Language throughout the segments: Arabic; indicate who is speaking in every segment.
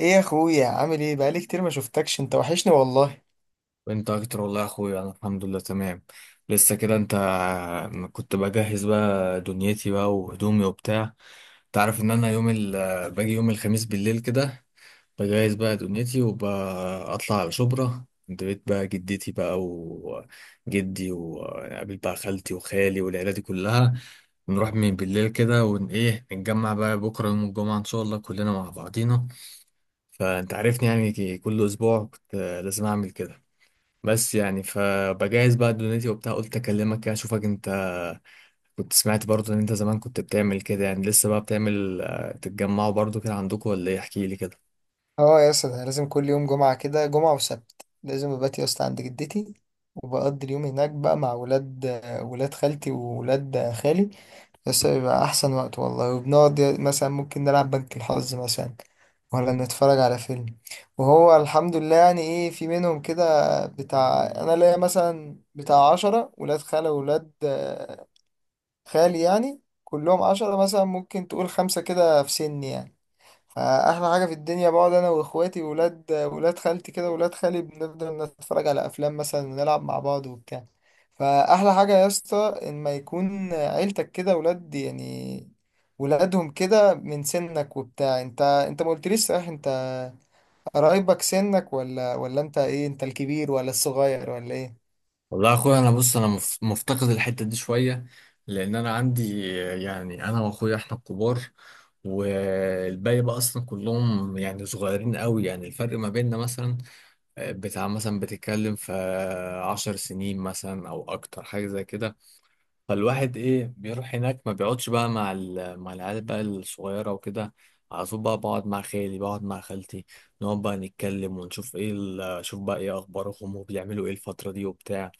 Speaker 1: ايه يا اخويا عامل ايه؟ بقالي كتير ما شفتكش، انت وحشني والله.
Speaker 2: وانت اكتر والله يا اخويا، انا الحمد لله تمام. لسه كده انت؟ كنت بجهز بقى دنيتي بقى وهدومي وبتاع. تعرف ان انا باجي يوم الخميس بالليل كده، بجهز بقى دنيتي وبطلع على شبرا عند بيت بقى جدتي بقى وجدي، وقابل بقى خالتي وخالي والعيلة دي كلها. نروح من بالليل كده ون ايه نتجمع بقى بكرة يوم الجمعة ان شاء الله كلنا مع بعضينا. فانت عارفني، يعني كل اسبوع كنت لازم اعمل كده. بس يعني فبجهز بقى دنيتي وبتاع، قلت اكلمك كده اشوفك انت. كنت سمعت برضه ان انت زمان كنت بتعمل كده، يعني لسه بقى بتعمل تتجمعوا برضه كده عندكم ولا ايه؟ احكي لي كده.
Speaker 1: اه يا اسطى، ده لازم كل يوم جمعة كده، جمعة وسبت لازم ببات يا اسطى عند جدتي، وبقضي اليوم هناك بقى مع ولاد خالتي وولاد خالي، بس بيبقى أحسن وقت والله. وبنقعد مثلا ممكن نلعب بنك الحظ، مثلا، ولا نتفرج على فيلم. وهو الحمد لله يعني ايه، في منهم كده بتاع، أنا ليا مثلا بتاع عشرة ولاد خالة وولاد خالي، يعني كلهم عشرة، مثلا ممكن تقول خمسة كده في سني يعني. فأحلى حاجة في الدنيا، بقعد أنا وإخواتي وولاد ولاد خالتي كده، ولاد خالي، بنفضل نتفرج على أفلام مثلا، ونلعب مع بعض وبتاع. فأحلى حاجة يا اسطى، إن ما يكون عيلتك كده ولاد، يعني ولادهم كده من سنك وبتاع. انت ما قلتليش، صحيح انت قرايبك سنك ولا ولا؟ انت ايه، انت الكبير ولا الصغير ولا ايه؟
Speaker 2: والله يا اخويا، انا بص انا مفتقد الحتة دي شوية، لان انا عندي يعني انا واخويا احنا الكبار، والباقي بقى اصلا كلهم يعني صغيرين قوي. يعني الفرق ما بيننا مثلا بتاع مثلا بتتكلم في 10 سنين مثلا او اكتر حاجة زي كده. فالواحد ايه بيروح هناك، ما بيقعدش بقى مع العيال بقى الصغيره وكده. على طول بقى بقعد مع خالي، بقعد مع خالتي، نقعد بقى نتكلم ونشوف شوف بقى ايه اخبارهم وبيعملوا ايه الفتره دي وبتاع.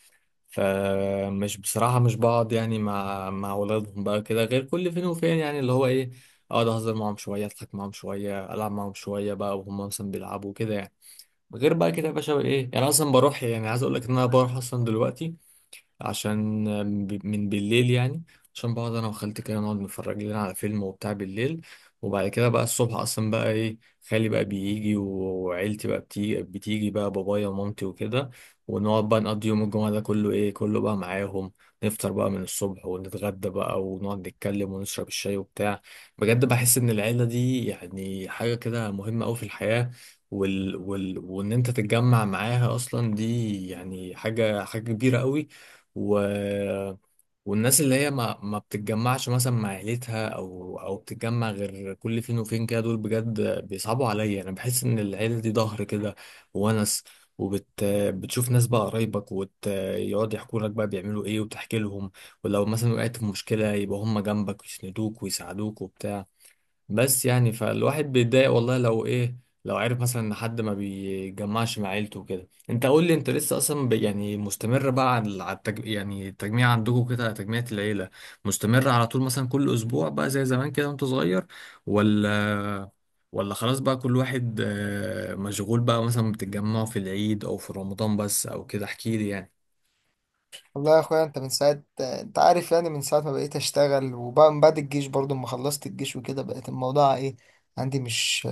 Speaker 2: فمش بصراحه مش بقعد يعني مع ولادهم بقى كده غير كل فين وفين، يعني اللي هو ايه، اقعد اهزر معاهم شويه، اضحك معاهم شويه، العب معاهم شويه بقى وهم مثلا بيلعبوا كده يعني. غير بقى كده يا باشا، ايه يعني، أنا اصلا بروح، يعني عايز اقول لك ان انا بروح اصلا دلوقتي عشان من بالليل يعني، عشان بقعد انا وخالتي كده، نقعد نتفرج لنا على فيلم وبتاع بالليل. وبعد كده بقى الصبح اصلا بقى ايه، خالي بقى بيجي وعيلتي بقى بتيجي بقى، بابايا ومامتي وكده، ونقعد بقى نقضي يوم الجمعة ده كله، ايه كله بقى معاهم. نفطر بقى من الصبح، ونتغدى بقى، ونقعد نتكلم ونشرب الشاي وبتاع. بجد بحس ان العيلة دي يعني حاجة كده مهمة قوي في الحياة، وان انت تتجمع معاها اصلا، دي يعني حاجة كبيرة قوي. و... والناس اللي هي ما بتتجمعش مثلا مع عيلتها او بتتجمع غير كل فين وفين كده، دول بجد بيصعبوا عليا. انا بحس ان العيله دي ظهر كده وونس، وبت بتشوف ناس بقى قرايبك ويقعد يحكوا لك بقى بيعملوا ايه وتحكي لهم. ولو مثلا وقعت في مشكله، يبقى هم جنبك ويسندوك ويساعدوك وبتاع. بس يعني فالواحد بيتضايق والله، لو عرف مثلا ان حد ما بيجمعش مع عيلته وكده. انت قول لي، انت لسه اصلا يعني مستمر بقى على التجميع عندكم، كده على تجميعة العيلة، مستمر على طول مثلا كل اسبوع بقى زي زمان كده وانت صغير؟ ولا ولا خلاص بقى كل واحد مشغول، بقى مثلا بتتجمعوا في العيد او في رمضان بس، او كده احكي لي يعني.
Speaker 1: والله يا اخويا، انت من ساعة، انت عارف يعني، من ساعة ما بقيت اشتغل، وبعد من بعد الجيش برضو، ما خلصت الجيش وكده، بقت الموضوع ايه عندي، مش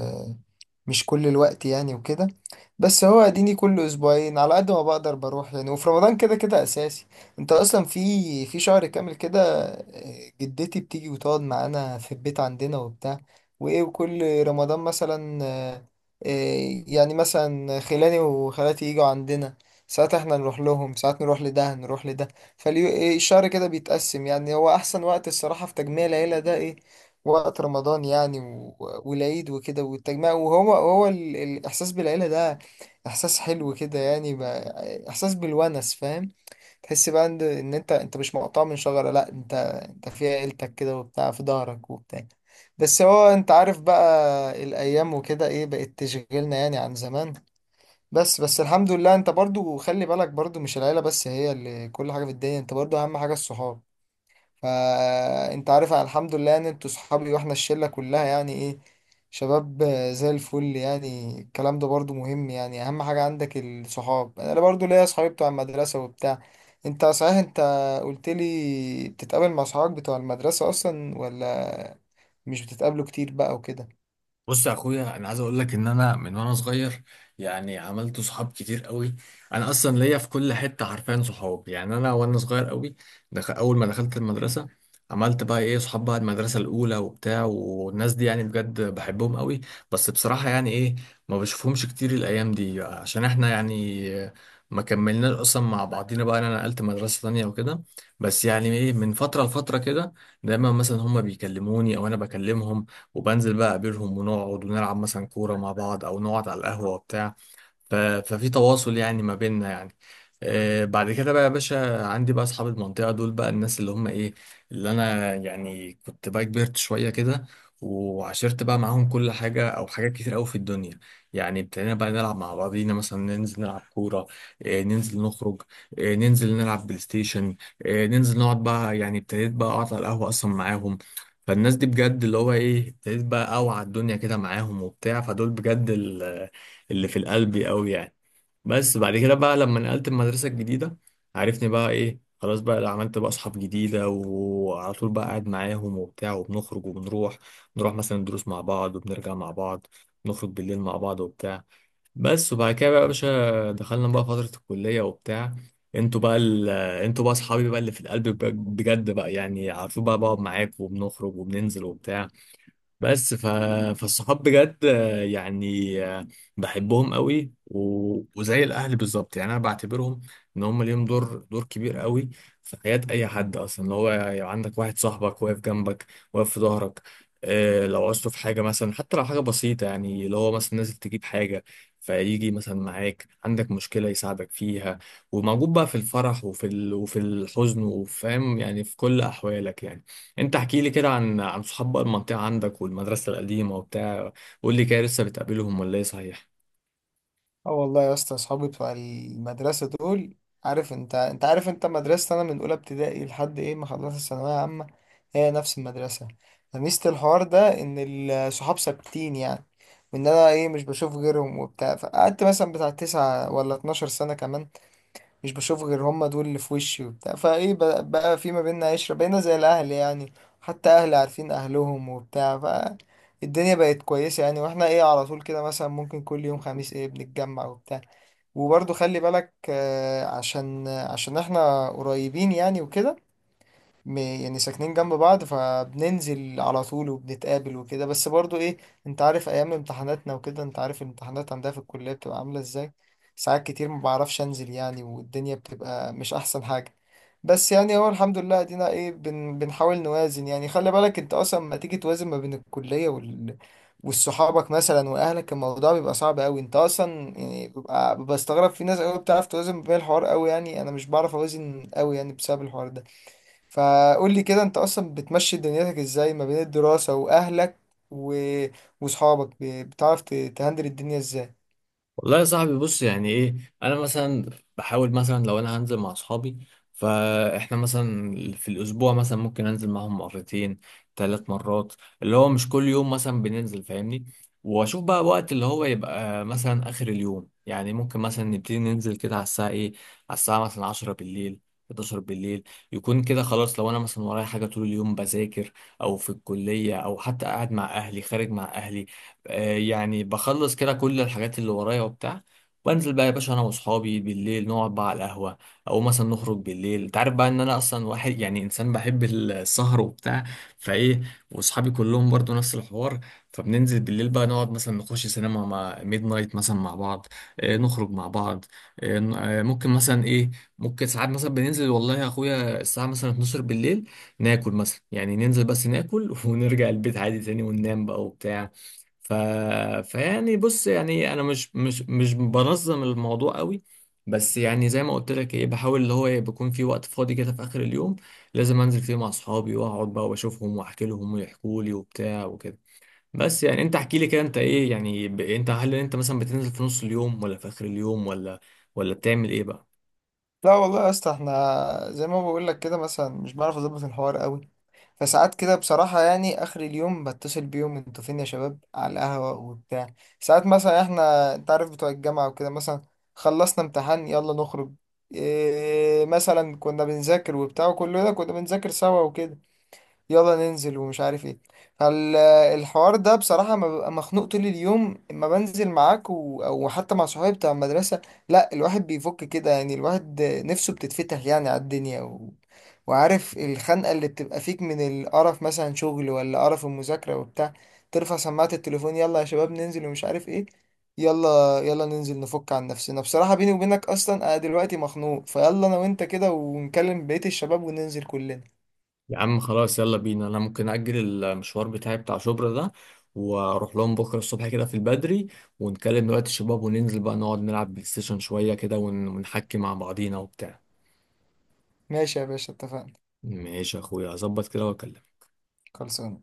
Speaker 1: مش كل الوقت يعني وكده. بس هو اديني كل اسبوعين على قد ما بقدر بروح يعني، وفي رمضان كده كده اساسي. انت اصلا في شهر كامل كده جدتي بتيجي وتقعد معانا في البيت عندنا وبتاع، وايه، وكل رمضان مثلا، يعني مثلا خلاني وخالاتي يجوا عندنا، ساعات احنا نروح لهم، ساعات نروح لده. فالشهر كده بيتقسم يعني، هو احسن وقت الصراحة في تجميع العيلة ده ايه؟ وقت رمضان يعني والعيد وكده والتجمع. وهو الإحساس بالعيلة ده إحساس حلو كده يعني، إحساس بالونس، فاهم؟ تحس بقى إن أنت مش مقطوع من شجرة، لأ، أنت في عيلتك كده وبتاع، في ظهرك وبتاع. بس هو أنت عارف بقى، الأيام وكده إيه بقت تشغلنا يعني عن زمان. بس الحمد لله. أنت برضو خلي بالك، برضو مش العيلة بس هي اللي كل حاجة في الدنيا، أنت برضو أهم حاجة الصحاب. فانت عارف أنا الحمد لله ان انتوا صحابي، واحنا الشلة كلها يعني ايه، شباب زي الفل يعني. الكلام ده برضو مهم يعني، اهم حاجة عندك الصحاب. انا برضو ليا صحابي بتوع المدرسة وبتاع. انت صحيح انت قلت لي بتتقابل مع صحابك بتوع المدرسة اصلا ولا مش بتتقابلوا كتير بقى وكده؟
Speaker 2: بص يا اخويا، انا عايز اقول لك ان انا من وانا صغير، يعني عملت صحاب كتير قوي. انا اصلا ليا في كل حته حرفيا صحاب. يعني انا وانا صغير قوي، اول ما دخلت المدرسه، عملت بقى ايه صحاب بقى المدرسه الاولى وبتاع، والناس دي يعني بجد بحبهم قوي. بس بصراحه يعني ايه، ما بشوفهمش كتير الايام دي، عشان احنا يعني ما كملناش اصلا مع بعضينا. بقى انا نقلت مدرسه تانية وكده. بس يعني ايه، من فتره لفتره كده، دايما مثلا هما بيكلموني او انا بكلمهم، وبنزل بقى اقابلهم، ونقعد ونلعب مثلا كورة مع بعض او نقعد على القهوة وبتاع. ففي تواصل يعني ما بيننا يعني. بعد كده بقى يا باشا، عندي بقى اصحاب المنطقه دول بقى، الناس اللي هم ايه، اللي انا يعني كنت بقى كبرت شويه كده وعشرت بقى معاهم كل حاجه او حاجات كتير قوي في الدنيا. يعني ابتدينا بقى نلعب مع بعضينا، مثلا ننزل نلعب كوره، ننزل نخرج، ننزل نلعب بلاي ستيشن، ننزل نقعد بقى، يعني ابتديت بقى اقعد على القهوه اصلا معاهم. فالناس دي بجد اللي هو ايه، ابتديت بقى اوعى الدنيا كده معاهم وبتاع، فدول بجد اللي في القلب قوي يعني. بس بعد كده بقى لما نقلت المدرسة الجديدة، عرفني بقى ايه، خلاص بقى، لا عملت بقى اصحاب جديدة وعلى طول بقى قاعد معاهم وبتاع، وبنخرج وبنروح، نروح مثلا الدروس مع بعض وبنرجع مع بعض، نخرج بالليل مع بعض وبتاع. بس وبعد كده بقى يا باشا، دخلنا بقى فترة الكلية وبتاع. انتوا بقى ال... انتوا بقى اصحابي بقى اللي في القلب، بجد بقى يعني على طول بقى بقعد معاك وبنخرج وبننزل وبتاع. بس فالصحاب بجد يعني بحبهم قوي وزي الاهل بالظبط، يعني انا بعتبرهم ان هم ليهم دور كبير قوي في حياة اي حد. اصلا اللي هو يعني عندك واحد صاحبك واقف جنبك، واقف في ظهرك، لو عوزته في حاجة، مثلا حتى لو حاجة بسيطة، يعني اللي هو مثلا نازل تجيب حاجة، فيجي مثلا معاك، عندك مشكلة يساعدك فيها، وموجود بقى في الفرح وفي الحزن، وفاهم يعني في كل أحوالك يعني. انت احكي لي كده عن صحاب بقى المنطقة عندك والمدرسة القديمة وبتاع، قول لي كده، لسه بتقابلهم ولا ايه، صحيح؟
Speaker 1: اه والله يا اسطى، اصحابي بتوع المدرسه دول، عارف انت، انت عارف مدرسه انا من اولى ابتدائي لحد ايه ما خلصت الثانويه عامه، هي نفس المدرسه. فميزه الحوار ده ان الصحاب ثابتين يعني، وان انا ايه مش بشوف غيرهم وبتاع. فقعدت مثلا بتاع تسعة ولا 12 سنه كمان مش بشوف غير هم، دول اللي في وشي وبتاع. فايه بقى، في ما بيننا عشره، بقينا زي الاهل يعني، حتى اهلي عارفين اهلهم وبتاع. ف الدنيا بقت كويسة يعني، واحنا ايه على طول كده، مثلا ممكن كل يوم خميس ايه بنتجمع وبتاع. وبرضو خلي بالك عشان احنا قريبين يعني وكده، يعني ساكنين جنب بعض، فبننزل على طول وبنتقابل وكده. بس برضو ايه، انت عارف ايام امتحاناتنا وكده، انت عارف الامتحانات عندها في الكلية بتبقى عاملة ازاي. ساعات كتير ما بعرفش انزل يعني، والدنيا بتبقى مش احسن حاجة. بس يعني هو الحمد لله ادينا ايه، بنحاول نوازن يعني. خلي بالك انت اصلا ما تيجي توازن ما بين الكلية وال والصحابك مثلا واهلك، الموضوع بيبقى صعب قوي انت اصلا. يعني ببقى بستغرب في ناس قوي بتعرف توازن بين الحوار قوي، يعني انا مش بعرف اوازن قوي يعني بسبب الحوار ده. فقول لي كده انت اصلا بتمشي دنيتك ازاي ما بين الدراسة واهلك و... وصحابك؟ بتعرف تهندل الدنيا ازاي؟
Speaker 2: والله يا صاحبي، بص يعني ايه، انا مثلا بحاول مثلا لو انا هنزل مع اصحابي، فاحنا مثلا في الاسبوع مثلا ممكن انزل معاهم مرتين، ثلاث مرات، اللي هو مش كل يوم مثلا بننزل، فاهمني؟ واشوف بقى وقت اللي هو يبقى مثلا اخر اليوم، يعني ممكن مثلا نبتدي ننزل كده على الساعة ايه، على الساعة مثلا 10 بالليل، 11 بالليل، يكون كده خلاص. لو انا مثلا ورايا حاجة طول اليوم بذاكر، او في الكلية، او حتى قاعد مع اهلي، خارج مع اهلي، يعني بخلص كده كل الحاجات اللي ورايا وبتاع، وانزل بقى يا باشا انا واصحابي بالليل، نقعد بقى على القهوه، او مثلا نخرج بالليل. انت عارف بقى ان انا اصلا واحد، يعني انسان بحب السهر وبتاع. فايه، واصحابي كلهم برضو نفس الحوار. فبننزل بالليل بقى، نقعد مثلا نخش سينما مع ميد نايت مثلا مع بعض، نخرج مع بعض، ممكن مثلا ايه، ممكن ساعات مثلا بننزل والله يا اخويا الساعه مثلا 12 بالليل، ناكل مثلا. يعني ننزل بس ناكل ونرجع البيت عادي تاني، وننام بقى وبتاع. ف... فيعني بص، يعني انا مش بنظم الموضوع قوي. بس يعني زي ما قلت لك، ايه بحاول اللي هو إيه، بيكون في وقت فاضي كده في اخر اليوم، لازم انزل فيه مع اصحابي، واقعد بقى واشوفهم، واحكي لهم ويحكوا لي وبتاع وكده. بس يعني انت احكي لي كده، انت ايه يعني، انت هل انت مثلا بتنزل في نص اليوم ولا في اخر اليوم، ولا بتعمل ايه بقى؟
Speaker 1: لا والله يا اسطى، احنا زي ما بقول لك كده، مثلا مش بعرف اظبط الحوار قوي. فساعات كده بصراحة يعني، اخر اليوم بتصل بيهم، انتوا فين يا شباب على القهوة وبتاع؟ ساعات مثلا احنا، انت عارف بتوع الجامعة وكده، مثلا خلصنا امتحان يلا نخرج، إيه مثلا كنا بنذاكر وبتاع، وكل ده كنا بنذاكر سوا وكده، يلا ننزل ومش عارف ايه. فالحوار ده بصراحة ما ببقى مخنوق طول اليوم اما بنزل معاك و... او حتى مع صحابي بتاع المدرسة، لا، الواحد بيفك كده يعني، الواحد نفسه بتتفتح يعني على الدنيا و... وعارف الخنقة اللي بتبقى فيك من القرف مثلا، شغل ولا قرف المذاكرة وبتاع، ترفع سماعة التليفون، يلا يا شباب ننزل ومش عارف ايه، يلا يلا ننزل نفك عن نفسنا. بصراحة بيني وبينك اصلا انا دلوقتي مخنوق، فيلا انا وانت كده ونكلم بقية الشباب وننزل كلنا.
Speaker 2: يا عم خلاص يلا بينا، انا ممكن اجل المشوار بتاعي بتاع شبرا ده، واروح لهم بكره الصبح كده في البدري، ونكلم دلوقتي الشباب وننزل بقى نقعد نلعب بلاي ستيشن شويه كده ونحكي مع بعضينا وبتاع.
Speaker 1: ماشي يا باشا اتفقنا.
Speaker 2: ماشي يا اخويا، هظبط كده واكلمك.
Speaker 1: خلصان.